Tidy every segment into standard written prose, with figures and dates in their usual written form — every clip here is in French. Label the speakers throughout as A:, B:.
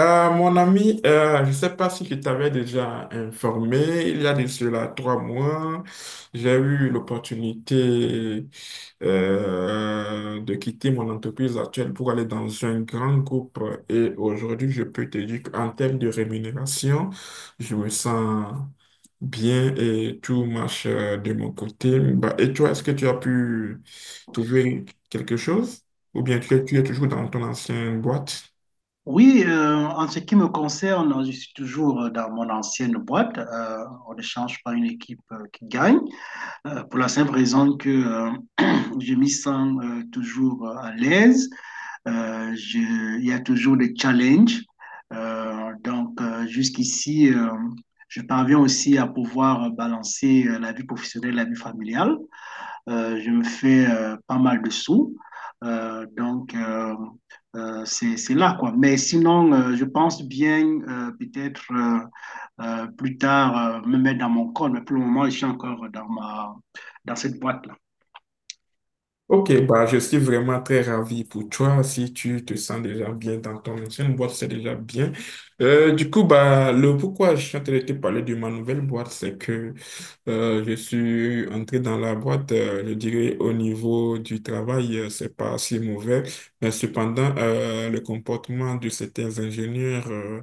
A: Mon ami, je ne sais pas si je t'avais déjà informé, il y a de cela trois mois, j'ai eu l'opportunité de quitter mon entreprise actuelle pour aller dans un grand groupe. Et aujourd'hui, je peux te dire qu'en termes de rémunération, je me sens bien et tout marche, de mon côté. Bah, et toi, est-ce que tu as pu trouver quelque chose? Ou bien tu es toujours dans ton ancienne boîte?
B: Oui, en ce qui me concerne, je suis toujours dans mon ancienne boîte. On ne change pas une équipe qui gagne, pour la simple raison que je m'y sens toujours à l'aise. Il y a toujours des challenges. Jusqu'ici, je parviens aussi à pouvoir balancer la vie professionnelle et la vie familiale. Je me fais pas mal de sous. Euh, donc, euh, c'est là, quoi. Mais sinon, je pense bien peut-être plus tard me mettre dans mon corps, mais pour le moment, je suis encore dans dans cette boîte-là.
A: Ok, bah, je suis vraiment très ravi pour toi. Si tu te sens déjà bien dans ton ancienne boîte, c'est déjà bien. Du coup, bah, le pourquoi je suis en train de te parler de ma nouvelle boîte, c'est que je suis entré dans la boîte, je dirais au niveau du travail, c'est pas si mauvais. Mais cependant, le comportement de certains ingénieurs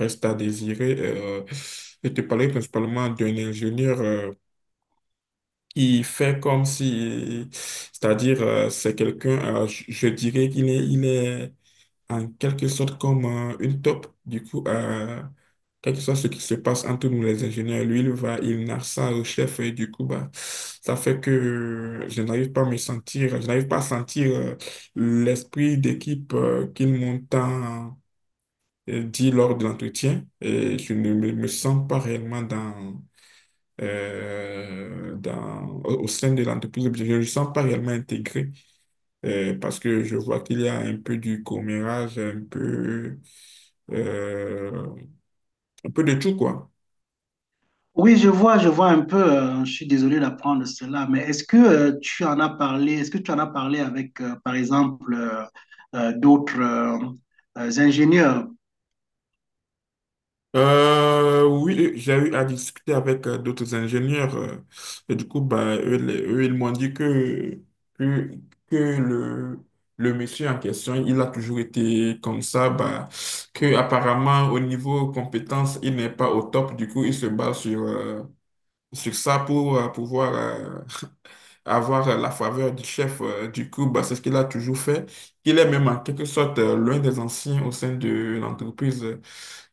A: reste à désirer. Je te parlais principalement d'un ingénieur. Il fait comme si, c'est-à-dire, c'est quelqu'un, je dirais qu'il est, il est en quelque sorte comme une taupe. Du coup, quel que soit ce qui se passe entre nous les ingénieurs, lui, il narre ça au chef et du coup, bah, ça fait que je n'arrive pas à me sentir, je n'arrive pas à sentir l'esprit d'équipe qu'il m'entend dit lors de l'entretien et je ne me sens pas réellement dans, dans, au sein de l'entreprise. Je ne le sens pas réellement intégré parce que je vois qu'il y a un peu du commérage, euh, un peu de tout, quoi.
B: Oui, je vois un peu. Je suis désolé d'apprendre cela, mais est-ce que tu en as parlé, est-ce que tu en as parlé avec, par exemple, d'autres ingénieurs?
A: Oui, j'ai eu à discuter avec d'autres ingénieurs. Et du coup, bah, eux, eux, ils m'ont dit que, que le monsieur en question, il a toujours été comme ça, bah, que apparemment au niveau compétences, il n'est pas au top. Du coup, il se base sur, sur ça pour pouvoir avoir la faveur du chef du club. Bah, c'est ce qu'il a toujours fait. Il est même en quelque sorte l'un des anciens au sein de l'entreprise.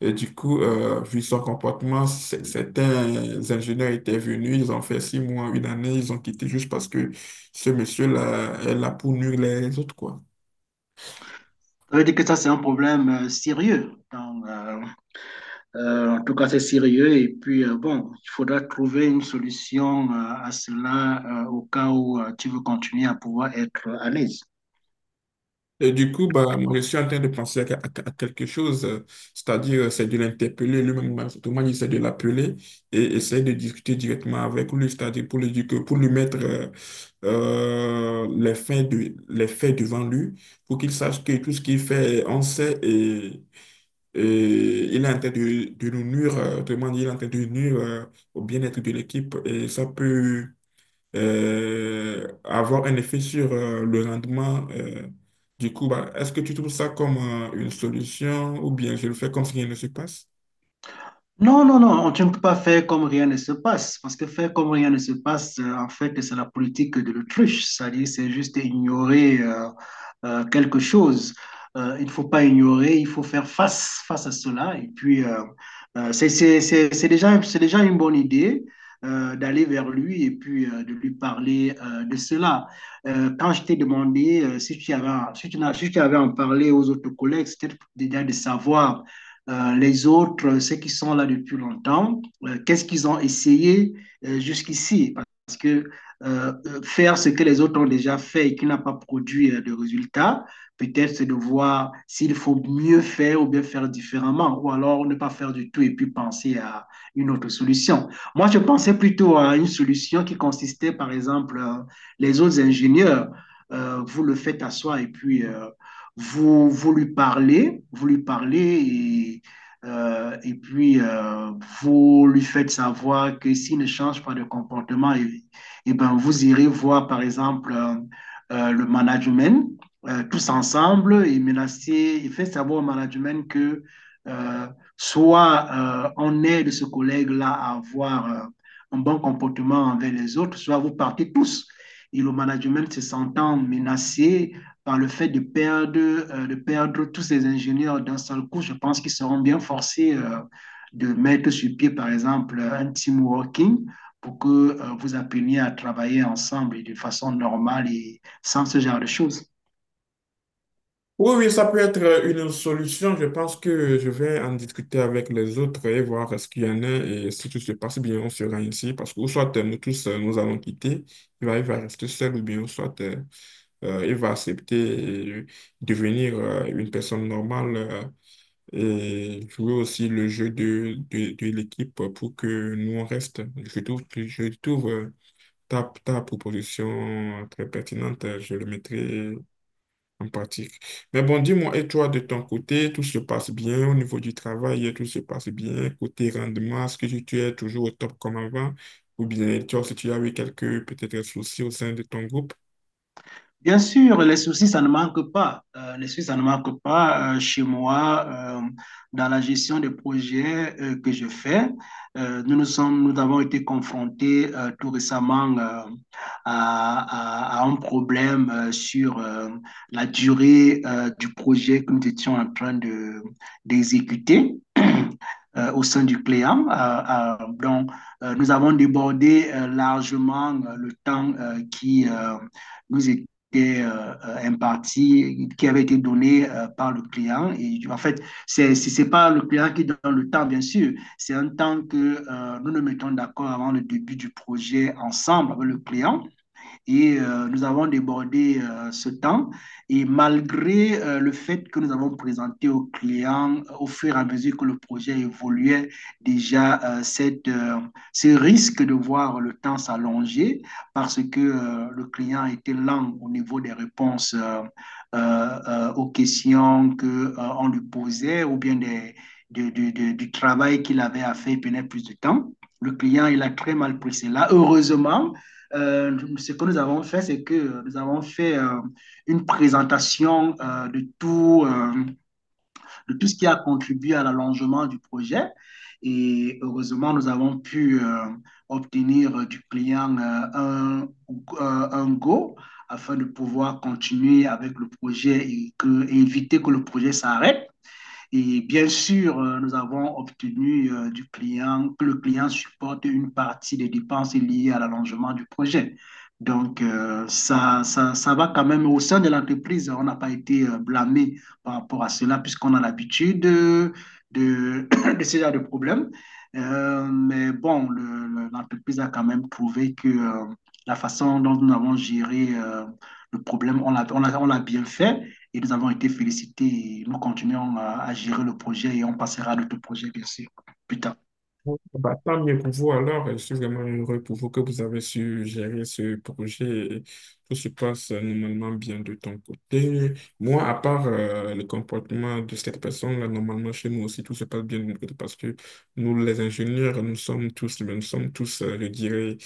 A: Et du coup, vu son comportement, certains ingénieurs étaient venus, ils ont fait six mois, une année, ils ont quitté juste parce que ce monsieur-là est là pour nuire les autres, quoi.
B: Ça veut dire que ça, c'est un problème sérieux. En tout cas, c'est sérieux. Et puis, bon, il faudra trouver une solution à cela au cas où tu veux continuer à pouvoir être à l'aise.
A: Et du coup, bah, moi, je suis en train de penser à, à quelque chose, c'est-à-dire c'est de l'interpeller lui-même, tout le essaie de l'appeler et essayer de discuter directement avec lui, c'est-à-dire pour lui dire pour lui mettre les les faits devant lui, pour qu'il sache que tout ce qu'il fait, on sait et il est en train de nous nuire, autrement dit, il est en train de nuire au bien-être de l'équipe et ça peut avoir un effet sur le rendement. Du coup, bah, est-ce que tu trouves ça comme une solution ou bien je le fais comme si rien ne se passe?
B: Non, non, non, tu ne peux pas faire comme rien ne se passe, parce que faire comme rien ne se passe, en fait, c'est la politique de l'autruche, c'est-à-dire c'est juste ignorer quelque chose. Il ne faut pas ignorer, il faut faire face, face à cela. Et puis, c'est déjà une bonne idée d'aller vers lui et puis de lui parler de cela. Quand je t'ai demandé si tu avais, si tu avais en parlé aux autres collègues, c'était déjà de savoir les autres, ceux qui sont là depuis longtemps, qu'est-ce qu'ils ont essayé jusqu'ici. Parce que faire ce que les autres ont déjà fait et qui n'a pas produit de résultats, peut-être c'est de voir s'il faut mieux faire ou bien faire différemment, ou alors ne pas faire du tout et puis penser à une autre solution. Moi, je pensais plutôt à une solution qui consistait, par exemple, les autres ingénieurs, vous le faites asseoir et puis vous, vous lui parlez et puis, vous lui faites savoir que s'il ne change pas de comportement, et eh ben, vous irez voir, par exemple, le management tous ensemble et menacer, et faites savoir au management que euh, soit on aide ce collègue-là à avoir un bon comportement envers les autres, soit vous partez tous. Et le management se sentant menacé, par le fait de perdre tous ces ingénieurs d'un seul coup, je pense qu'ils seront bien forcés de mettre sur pied, par exemple, un team working pour que vous appreniez à travailler ensemble et de façon normale et sans ce genre de choses.
A: Oui, oui, ça peut être une solution. Je pense que je vais en discuter avec les autres et voir ce qu'il y en a et si tout se passe bien, on sera ici parce que ou soit nous tous nous allons quitter, il va rester seul ou bien ou soit il va accepter et devenir une personne normale et jouer aussi le jeu de l'équipe pour que nous on reste. Je je trouve ta, ta proposition très pertinente, je le mettrai en pratique. Mais bon, dis-moi, et toi de ton côté, tout se passe bien au niveau du travail, tout se passe bien, côté rendement, est-ce que tu es toujours au top comme avant? Ou bien tu as, si tu as eu quelques peut-être soucis au sein de ton groupe?
B: Bien sûr, les soucis, ça ne manque pas. Les soucis, ça ne manque pas chez moi dans la gestion des projets que je fais. Nous avons été confrontés tout récemment à un problème sur la durée du projet que nous étions en train de d'exécuter. Au sein du client. Donc, Nous avons débordé largement le temps qui nous, est- et imparti, qui avait été donné par le client. Et en fait, c'est pas le client qui donne le temps, bien sûr. C'est un temps que nous nous mettons d'accord avant le début du projet ensemble avec le client et nous avons débordé ce temps. Et malgré le fait que nous avons présenté aux clients au fur et à mesure que le projet évoluait déjà ce risque de voir le temps s'allonger parce que le client était lent au niveau des réponses euh, aux questions que, on lui posait ou bien des, de- du travail qu'il avait à faire, il prenait plus de temps. Le client, il a très mal pris cela. Heureusement, ce que nous avons fait, c'est que nous avons fait une présentation de tout ce qui a contribué à l'allongement du projet. Et heureusement, nous avons pu obtenir du client un, euh, un go afin de pouvoir continuer avec le projet et éviter que le projet s'arrête. Et bien sûr, nous avons obtenu du client que le client supporte une partie des dépenses liées à l'allongement du projet. Donc, ça va quand même au sein de l'entreprise. On n'a pas été blâmé par rapport à cela, puisqu'on a l'habitude de, de ce genre de problème. Mais bon, l'entreprise a quand même prouvé que la façon dont nous avons géré le problème, on l'a bien fait et nous avons été félicités. Nous continuons à gérer le projet et on passera à d'autres projets, bien sûr, plus tard.
A: Bon, bah, tant mieux pour vous alors, je suis vraiment heureux pour vous que vous avez su gérer ce projet et tout se passe normalement bien de ton côté. Moi, à part le comportement de cette personne-là, normalement chez nous aussi tout se passe bien de notre côté parce que nous, les ingénieurs, nous sommes tous, je dirais,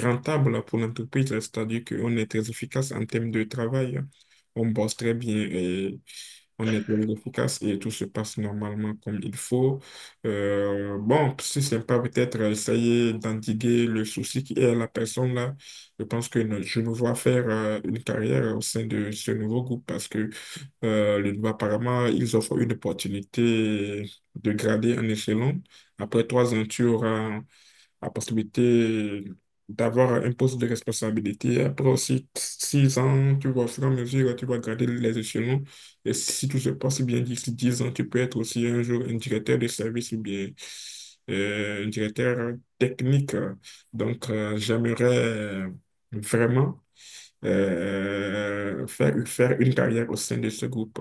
A: rentables pour l'entreprise, c'est-à-dire qu'on est très efficace en termes de travail, on bosse très bien et on est très efficace et tout se passe normalement comme il faut. Bon, si c'est pas peut-être essayer d'endiguer le souci qui est à la personne là, je pense que je me vois faire une carrière au sein de ce nouveau groupe parce que le droit, apparemment, ils offrent une opportunité de grader en échelon. Après trois ans, tu auras la possibilité d'avoir un poste de responsabilité. Après aussi six ans, tu vois, au fur et à mesure, tu vas garder les échelons. Et si tout se passe bien d'ici 10 ans, tu peux être aussi un jour un directeur de service ou bien un directeur technique. Donc, j'aimerais vraiment faire une carrière au sein de ce groupe.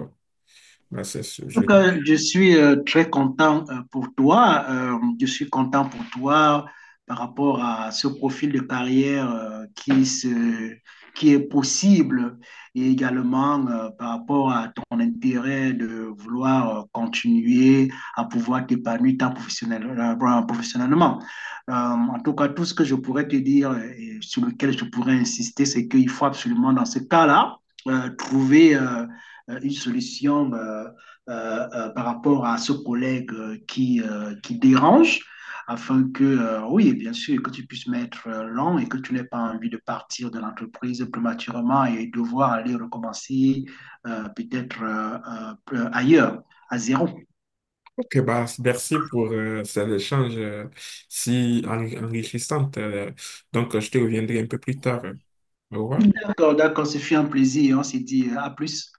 A: Voilà, c'est ce-
B: En
A: je
B: tout cas, je suis très content pour toi. Je suis content pour toi par rapport à ce profil de carrière qui est possible et également par rapport à ton intérêt de vouloir continuer à pouvoir t'épanouir professionnellement. En tout cas, tout ce que je pourrais te dire et sur lequel je pourrais insister, c'est qu'il faut absolument dans ce cas-là trouver une solution. Par rapport à ce collègue qui dérange afin que, oui, bien sûr, que tu puisses mettre l'an et que tu n'aies pas envie de partir de l'entreprise prématurément et devoir aller recommencer peut-être ailleurs, à zéro.
A: Ok, bah, merci pour ces échanges si enrichissantes. Donc, je te reviendrai un peu plus tard. Au revoir.
B: D'accord, d'accord, ce fut un plaisir. On s'est dit à plus.